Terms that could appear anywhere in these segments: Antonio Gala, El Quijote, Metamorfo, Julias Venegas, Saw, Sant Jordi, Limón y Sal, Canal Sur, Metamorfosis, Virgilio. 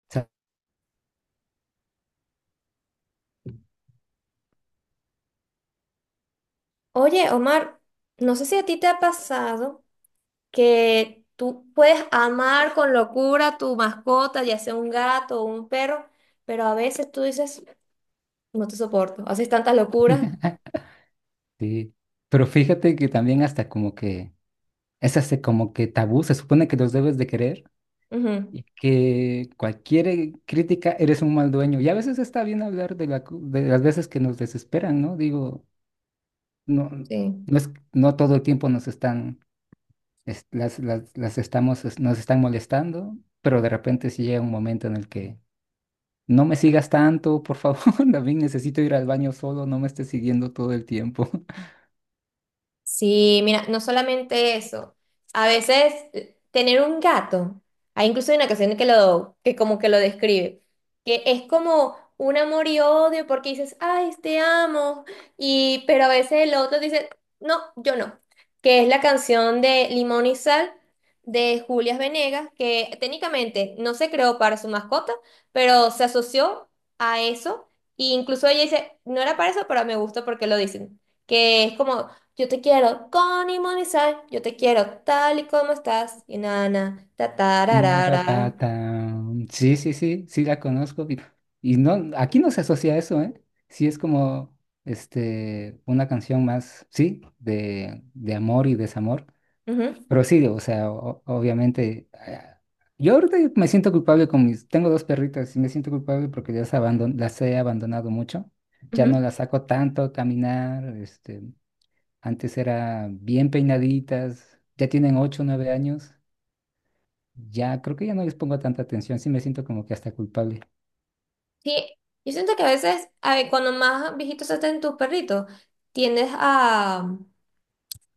Oye, Omar, no sé si a ti te ha pasado que tú puedes amar con locura a tu mascota, ya sea un gato o un perro, pero a veces tú dices, no te soporto, haces tantas locuras. Sí, pero fíjate que también hasta como que es hasta como que tabú, se supone que los debes de querer Ujú. y que cualquier crítica eres un mal dueño. Y a veces está bien hablar de, de las veces que nos desesperan, ¿no? Digo, no, Sí. No todo el tiempo nos están, las estamos, nos están molestando, pero de repente sí llega un momento en el que no me sigas tanto, por favor, también necesito ir al baño solo, no me estés siguiendo todo el tiempo. Sí, mira, no solamente eso. A veces tener un gato, hay incluso una canción que que como que lo describe, que es como un amor y odio porque dices, ay, te amo, y pero a veces el otro dice, no, yo no, que es la canción de Limón y Sal de Julias Venegas, que técnicamente no se creó para su mascota, pero se asoció a eso, e incluso ella dice, no era para eso, pero me gusta porque lo dicen, que es como yo te quiero con y sal, yo te quiero tal y como estás, y nana, ra, No ra, ra. Ñoratata. Sí, sí, sí, sí la conozco. Y no, aquí no se asocia a eso, ¿eh? Sí es como este, una canción más, sí, de amor y desamor. Ujú, Pero sí, o sea, obviamente, yo ahorita me siento culpable con mis. Tengo dos perritas y me siento culpable porque las, las he abandonado mucho. Ya no ujú. las saco tanto a caminar. Este, antes era bien peinaditas. Ya tienen 8, 9 años. Ya, creo que ya no les pongo tanta atención, sí me siento como que hasta culpable. Sí, yo siento que a veces, a ver, cuando más viejitos se hacen tus perritos, tiendes a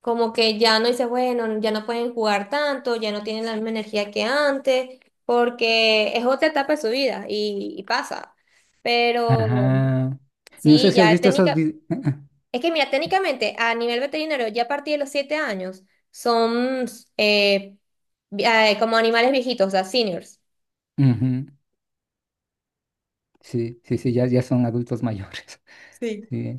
como que ya no dices, bueno, ya no pueden jugar tanto, ya no tienen la misma energía que antes, porque es otra etapa de su vida y pasa. Pero Ajá. No sé sí, si has ya visto esos técnica. videos. Es que mira, técnicamente a nivel veterinario, ya a partir de los 7 años, son eh, como animales viejitos, o sea, seniors. Sí, sí, sí, ya, ya son adultos mayores. Sí. Sí,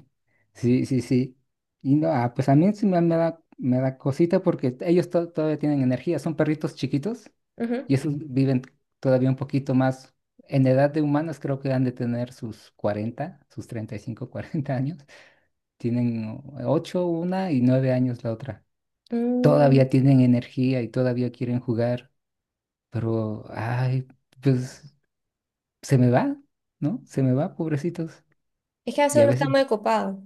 sí, sí, sí. Y no, ah, pues a mí sí me da cosita porque ellos todavía tienen energía, son perritos chiquitos Ujú. y esos viven todavía un poquito más. En edad de humanos creo que han de tener sus 40, sus 35, 40 años. Tienen 8, una y 9 años la otra. Todavía Mm, tienen energía y todavía quieren jugar, pero, ay, pues se me va, ¿no? Se me va, pobrecitos. es que a veces Y a uno está veces, muy ocupado.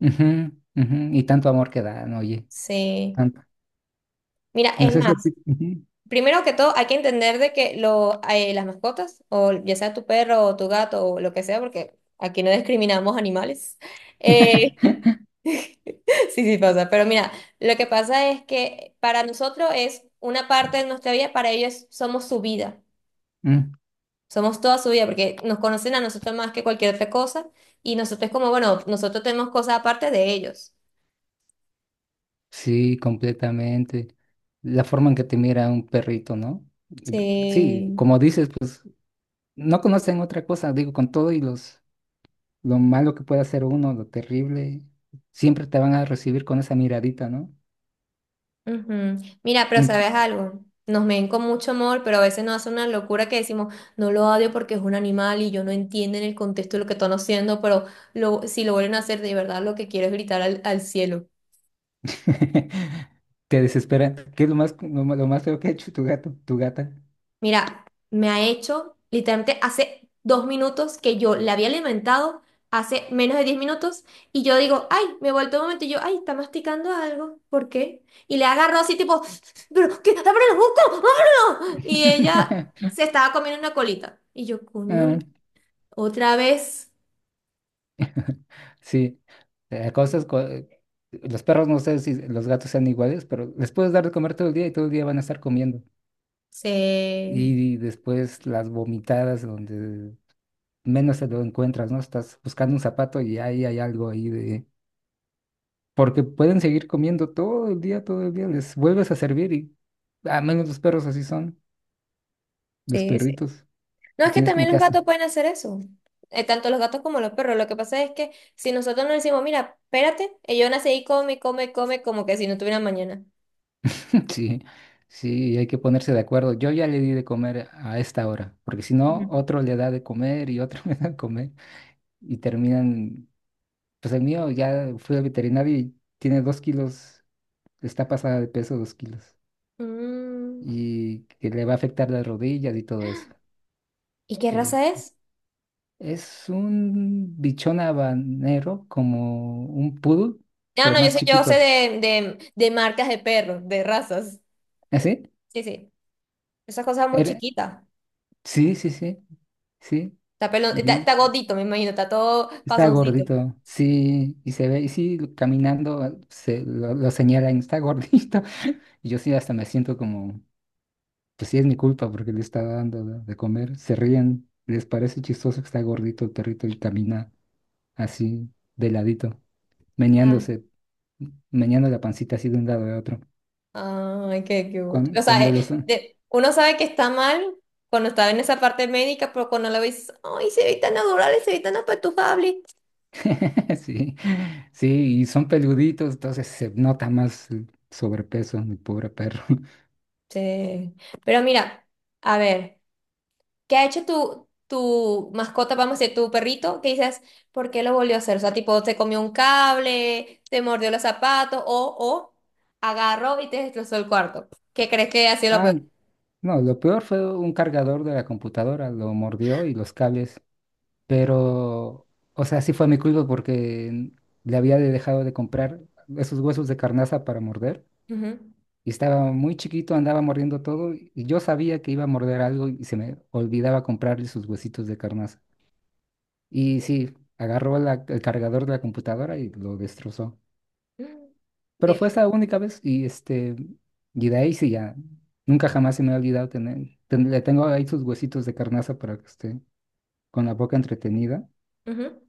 ujú, ujú, y tanto amor que dan, oye, Sí. tanto. Mira, No es sé si a más, ti, ujú. primero que todo hay que entender de que las mascotas, o ya sea tu perro o tu gato o lo que sea, porque aquí no discriminamos animales. Eh, sí, sí pasa. Pero mira, lo que pasa es que para nosotros es una parte de nuestra vida, para ellos somos su vida. Mm. Somos toda su vida, porque nos conocen a nosotros más que cualquier otra cosa, y nosotros como, bueno, nosotros tenemos cosas aparte de ellos. Sí, completamente. La forma en que te mira un perrito, ¿no? Sí, Sí. como dices, pues no conocen otra cosa, digo, con todo y los, lo malo que pueda hacer uno, lo terrible, siempre te van a recibir con esa miradita, ¿no? Ujú. Mira, pero ¿sabes algo? Nos ven con mucho amor, pero a veces nos hace una locura que decimos, no lo odio porque es un animal y yo no entiendo en el contexto de lo que están haciendo, pero si lo vuelven a hacer, de verdad lo que quiero es gritar al cielo. Te desespera. ¿Qué es lo más, lo más feo que ha hecho tu gato, tu gata? Mira, me ha hecho literalmente hace 2 minutos que yo la había alimentado, hace menos de 10 minutos, y yo digo, ay, me he vuelto un momento, y yo, ay, está masticando algo, ¿por qué? Y le agarró así tipo, pero, ¿qué? ¡Ábrelo, busco! ¡Ábrelo! Y ella se estaba comiendo una colita. Y yo, coño, Ah. otra vez Sí, cosas, los perros no sé si los gatos sean iguales, pero les puedes dar de comer todo el día y todo el día van a estar comiendo. se... Y después las vomitadas donde menos te lo encuentras, ¿no? Estás buscando un zapato y ahí hay algo ahí de... Porque pueden seguir comiendo todo el día, les vuelves a servir y a menos los perros así son, los perritos. No, Y es que tienes como también que los hasta. gatos pueden hacer eso. Tanto los gatos como los perros. Lo que pasa es que si nosotros nos decimos, mira, espérate, ellos van a seguir come, come, come, como que si no tuvieran mañana. Sí, sí, hay que ponerse de acuerdo. Yo ya le di de comer a esta hora, porque si Ujú. no, otro le da de comer y otro le da de comer. Y terminan, pues el mío ya fui al veterinario y tiene 2 kilos, está pasada de peso 2 kilos. Mm. Y que le va a afectar las rodillas y todo eso. ¿Y qué Que raza es? es un bichón habanero, como un poodle, Ah, pero no, más yo sé chiquito. De marcas de perros, de razas. ¿Así? Sí, sí. Esas cosas muy Era, chiquitas. sí, sí, sí. Sí. Está pelón, está gordito, me imagino, está todo Está pasoncito. gordito, sí, y se ve, y sí, caminando se lo señalan, está gordito. Y yo sí hasta me siento como, pues sí es mi culpa porque le estaba dando de comer. Se ríen, les parece chistoso que está gordito el perrito y camina así, de ladito, meneándose, meneando la pancita así de un lado a otro. Ay, qué cute. O Cuando, sea, cuando los... uno sabe que está mal cuando está en esa parte médica, pero cuando lo ves, ay, se ve tan adorable, se ve tan apetujable. Sí, sí, y son peluditos, entonces se nota más el sobrepeso, mi pobre perro. Sí. Pero mira, a ver, ¿qué ha hecho tu mascota, vamos a decir, tu perrito? ¿Qué dices? ¿Por qué lo volvió a hacer? O sea, tipo, te comió un cable, te mordió los zapatos, o agarró y te destrozó el cuarto. ¿Qué crees que ha sido lo Ah. peor? No, lo peor fue un cargador de la computadora, lo mordió y los cables, pero, o sea, sí fue mi culpa porque dejado de comprar esos huesos de carnaza para morder Ujú. y estaba muy chiquito, andaba mordiendo todo y yo sabía que iba a morder algo y se me olvidaba comprarle sus huesitos de carnaza. Y sí, el cargador de la computadora y lo destrozó. Pero fue esa única vez y este, y de ahí sí ya, nunca jamás se me ha olvidado tener, le tengo ahí sus huesitos de carnaza para que esté con la boca entretenida. Bien.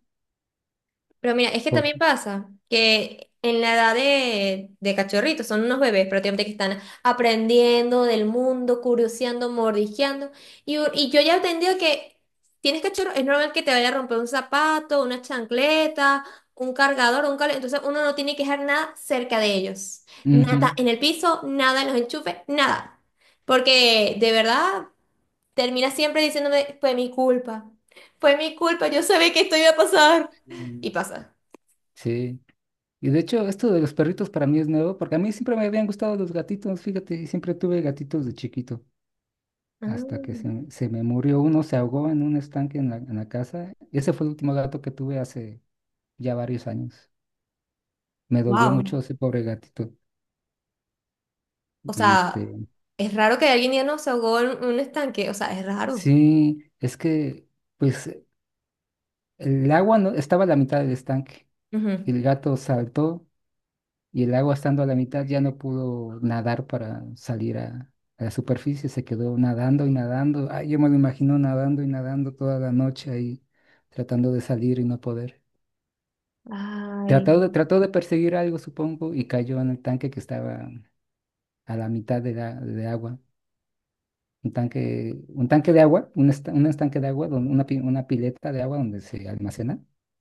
Pero mira, es que Por... también pasa que en la edad de cachorritos, son unos bebés prácticamente que están aprendiendo del mundo, curioseando, mordisqueando. Y yo ya he entendido que tienes cachorro, es normal que te vaya a romper un zapato, una chancleta, un cargador, un cable. Entonces uno no tiene que dejar nada cerca de ellos. Nada Ujú. en el piso, nada en los enchufes, nada. Porque de verdad termina siempre diciéndome, fue mi culpa, yo sabía que esto iba a pasar. Y Mm. pasa. Sí. Y de hecho, esto de los perritos para mí es nuevo, porque a mí siempre me habían gustado los gatitos, fíjate, y siempre tuve gatitos de chiquito, hasta que se me murió uno, se ahogó en un estanque en la casa. Ese fue el último gato que tuve hace ya varios años. Me dolió mucho Wow. ese pobre gatito. O Y sea, este, es raro que alguien ya no se ahogó en un estanque. O sea, es raro. sí, es que pues el agua no estaba a la mitad del estanque. Ujú. El gato saltó y el agua estando a la mitad ya no pudo nadar para salir a la superficie. Se quedó nadando y nadando. Ay, yo me lo imagino nadando y nadando toda la noche ahí, tratando de salir y no poder. Ay. Trató de perseguir algo, supongo, y cayó en el tanque que estaba a la mitad de agua. Un tanque de agua, un, un estanque de agua, una, una pileta de agua donde se almacena,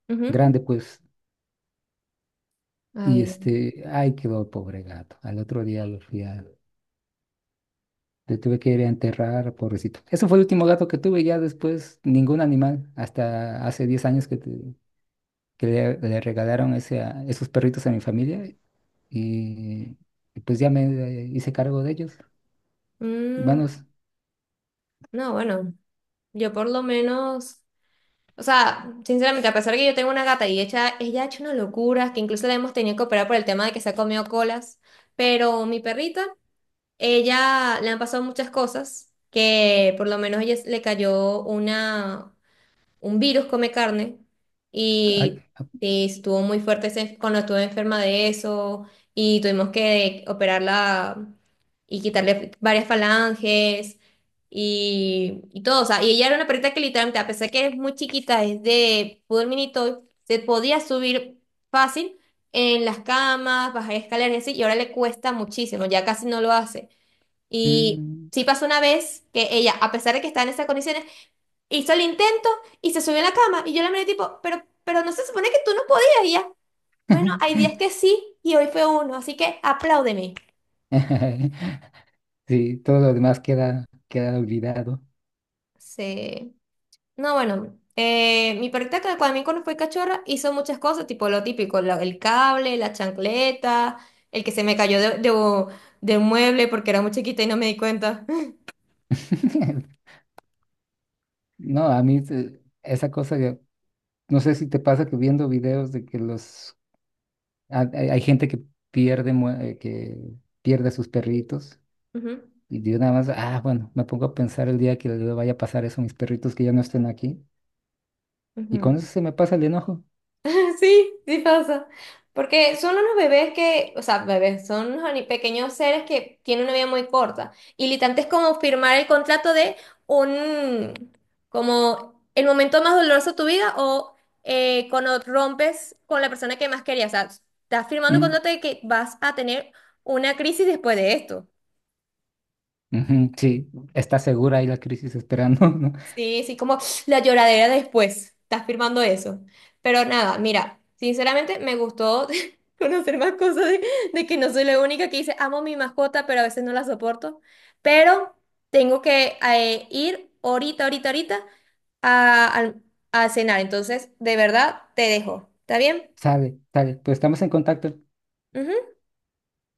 Ujú. grande, pues, y Ay, Dios. este, ay, quedó el pobre gato. Al otro día le tuve que ir a enterrar, pobrecito. Ese fue el último gato que tuve, ya después ningún animal, hasta hace 10 años que, le regalaron ese, esos perritos a mi familia y, y pues ya me hice cargo de ellos. Mm, Bueno, es, no, bueno, yo por lo menos, o sea, sinceramente, a pesar de que yo tengo una gata y ella ha hecho una locura, que incluso la hemos tenido que operar por el tema de que se ha comido colas, pero mi perrita, ella le han pasado muchas cosas, que por lo menos ella le cayó un virus come carne ay, y, ah, y estuvo muy fuerte ese- cuando estuve enferma de eso y tuvimos que operarla y quitarle varias falanges y todo. O sea, y ella era una perrita que literalmente, a pesar que es muy chiquita, es de poodle mini toy, se podía subir fácil en las camas, bajar escaleras y así, y ahora le cuesta muchísimo, ya casi no lo hace. Y mm. sí pasó una vez que ella, a pesar de que estaba en esas condiciones, hizo el intento y se subió a la cama y yo la miré tipo, pero no se supone que tú no podías y ya. Bueno, hay días que sí y hoy fue uno, así que apláudeme. Sí, todo lo demás queda, queda olvidado. Sí. No, bueno, mi perrita que cuando, a mí cuando fue cachorra hizo muchas cosas, tipo lo típico, el cable, la chancleta, el que se me cayó de un mueble porque era muy chiquita y no me di cuenta. No, a mí esa cosa, no sé si te pasa que viendo videos de que los hay, hay gente que que pierde a sus perritos Ujú, y yo nada más, ah, bueno, me pongo a pensar el día que le vaya a pasar eso a mis perritos que ya no estén aquí y ujú. con eso se me pasa el enojo. Sí, sí pasa. Porque son unos bebés que, o sea, bebés, son unos pequeños seres que tienen una vida muy corta. Y literalmente es como firmar el contrato de un, como el momento más doloroso de tu vida o cuando rompes con la persona que más querías. O sea, estás firmando un Mm, contrato de que vas a tener una crisis después de esto. ujú, sí, está segura ahí la crisis esperando, ¿no? Sí, sí, como la lloradera después. Estás firmando eso. Pero nada, mira, sinceramente me gustó conocer más cosas de que no soy la única que dice, amo mi mascota, pero a veces no la soporto. Pero tengo que ir ahorita a, al- a cenar. Entonces, de verdad, te dejo. ¿Está bien? Sale, sale, pues estamos en contacto. Ujú.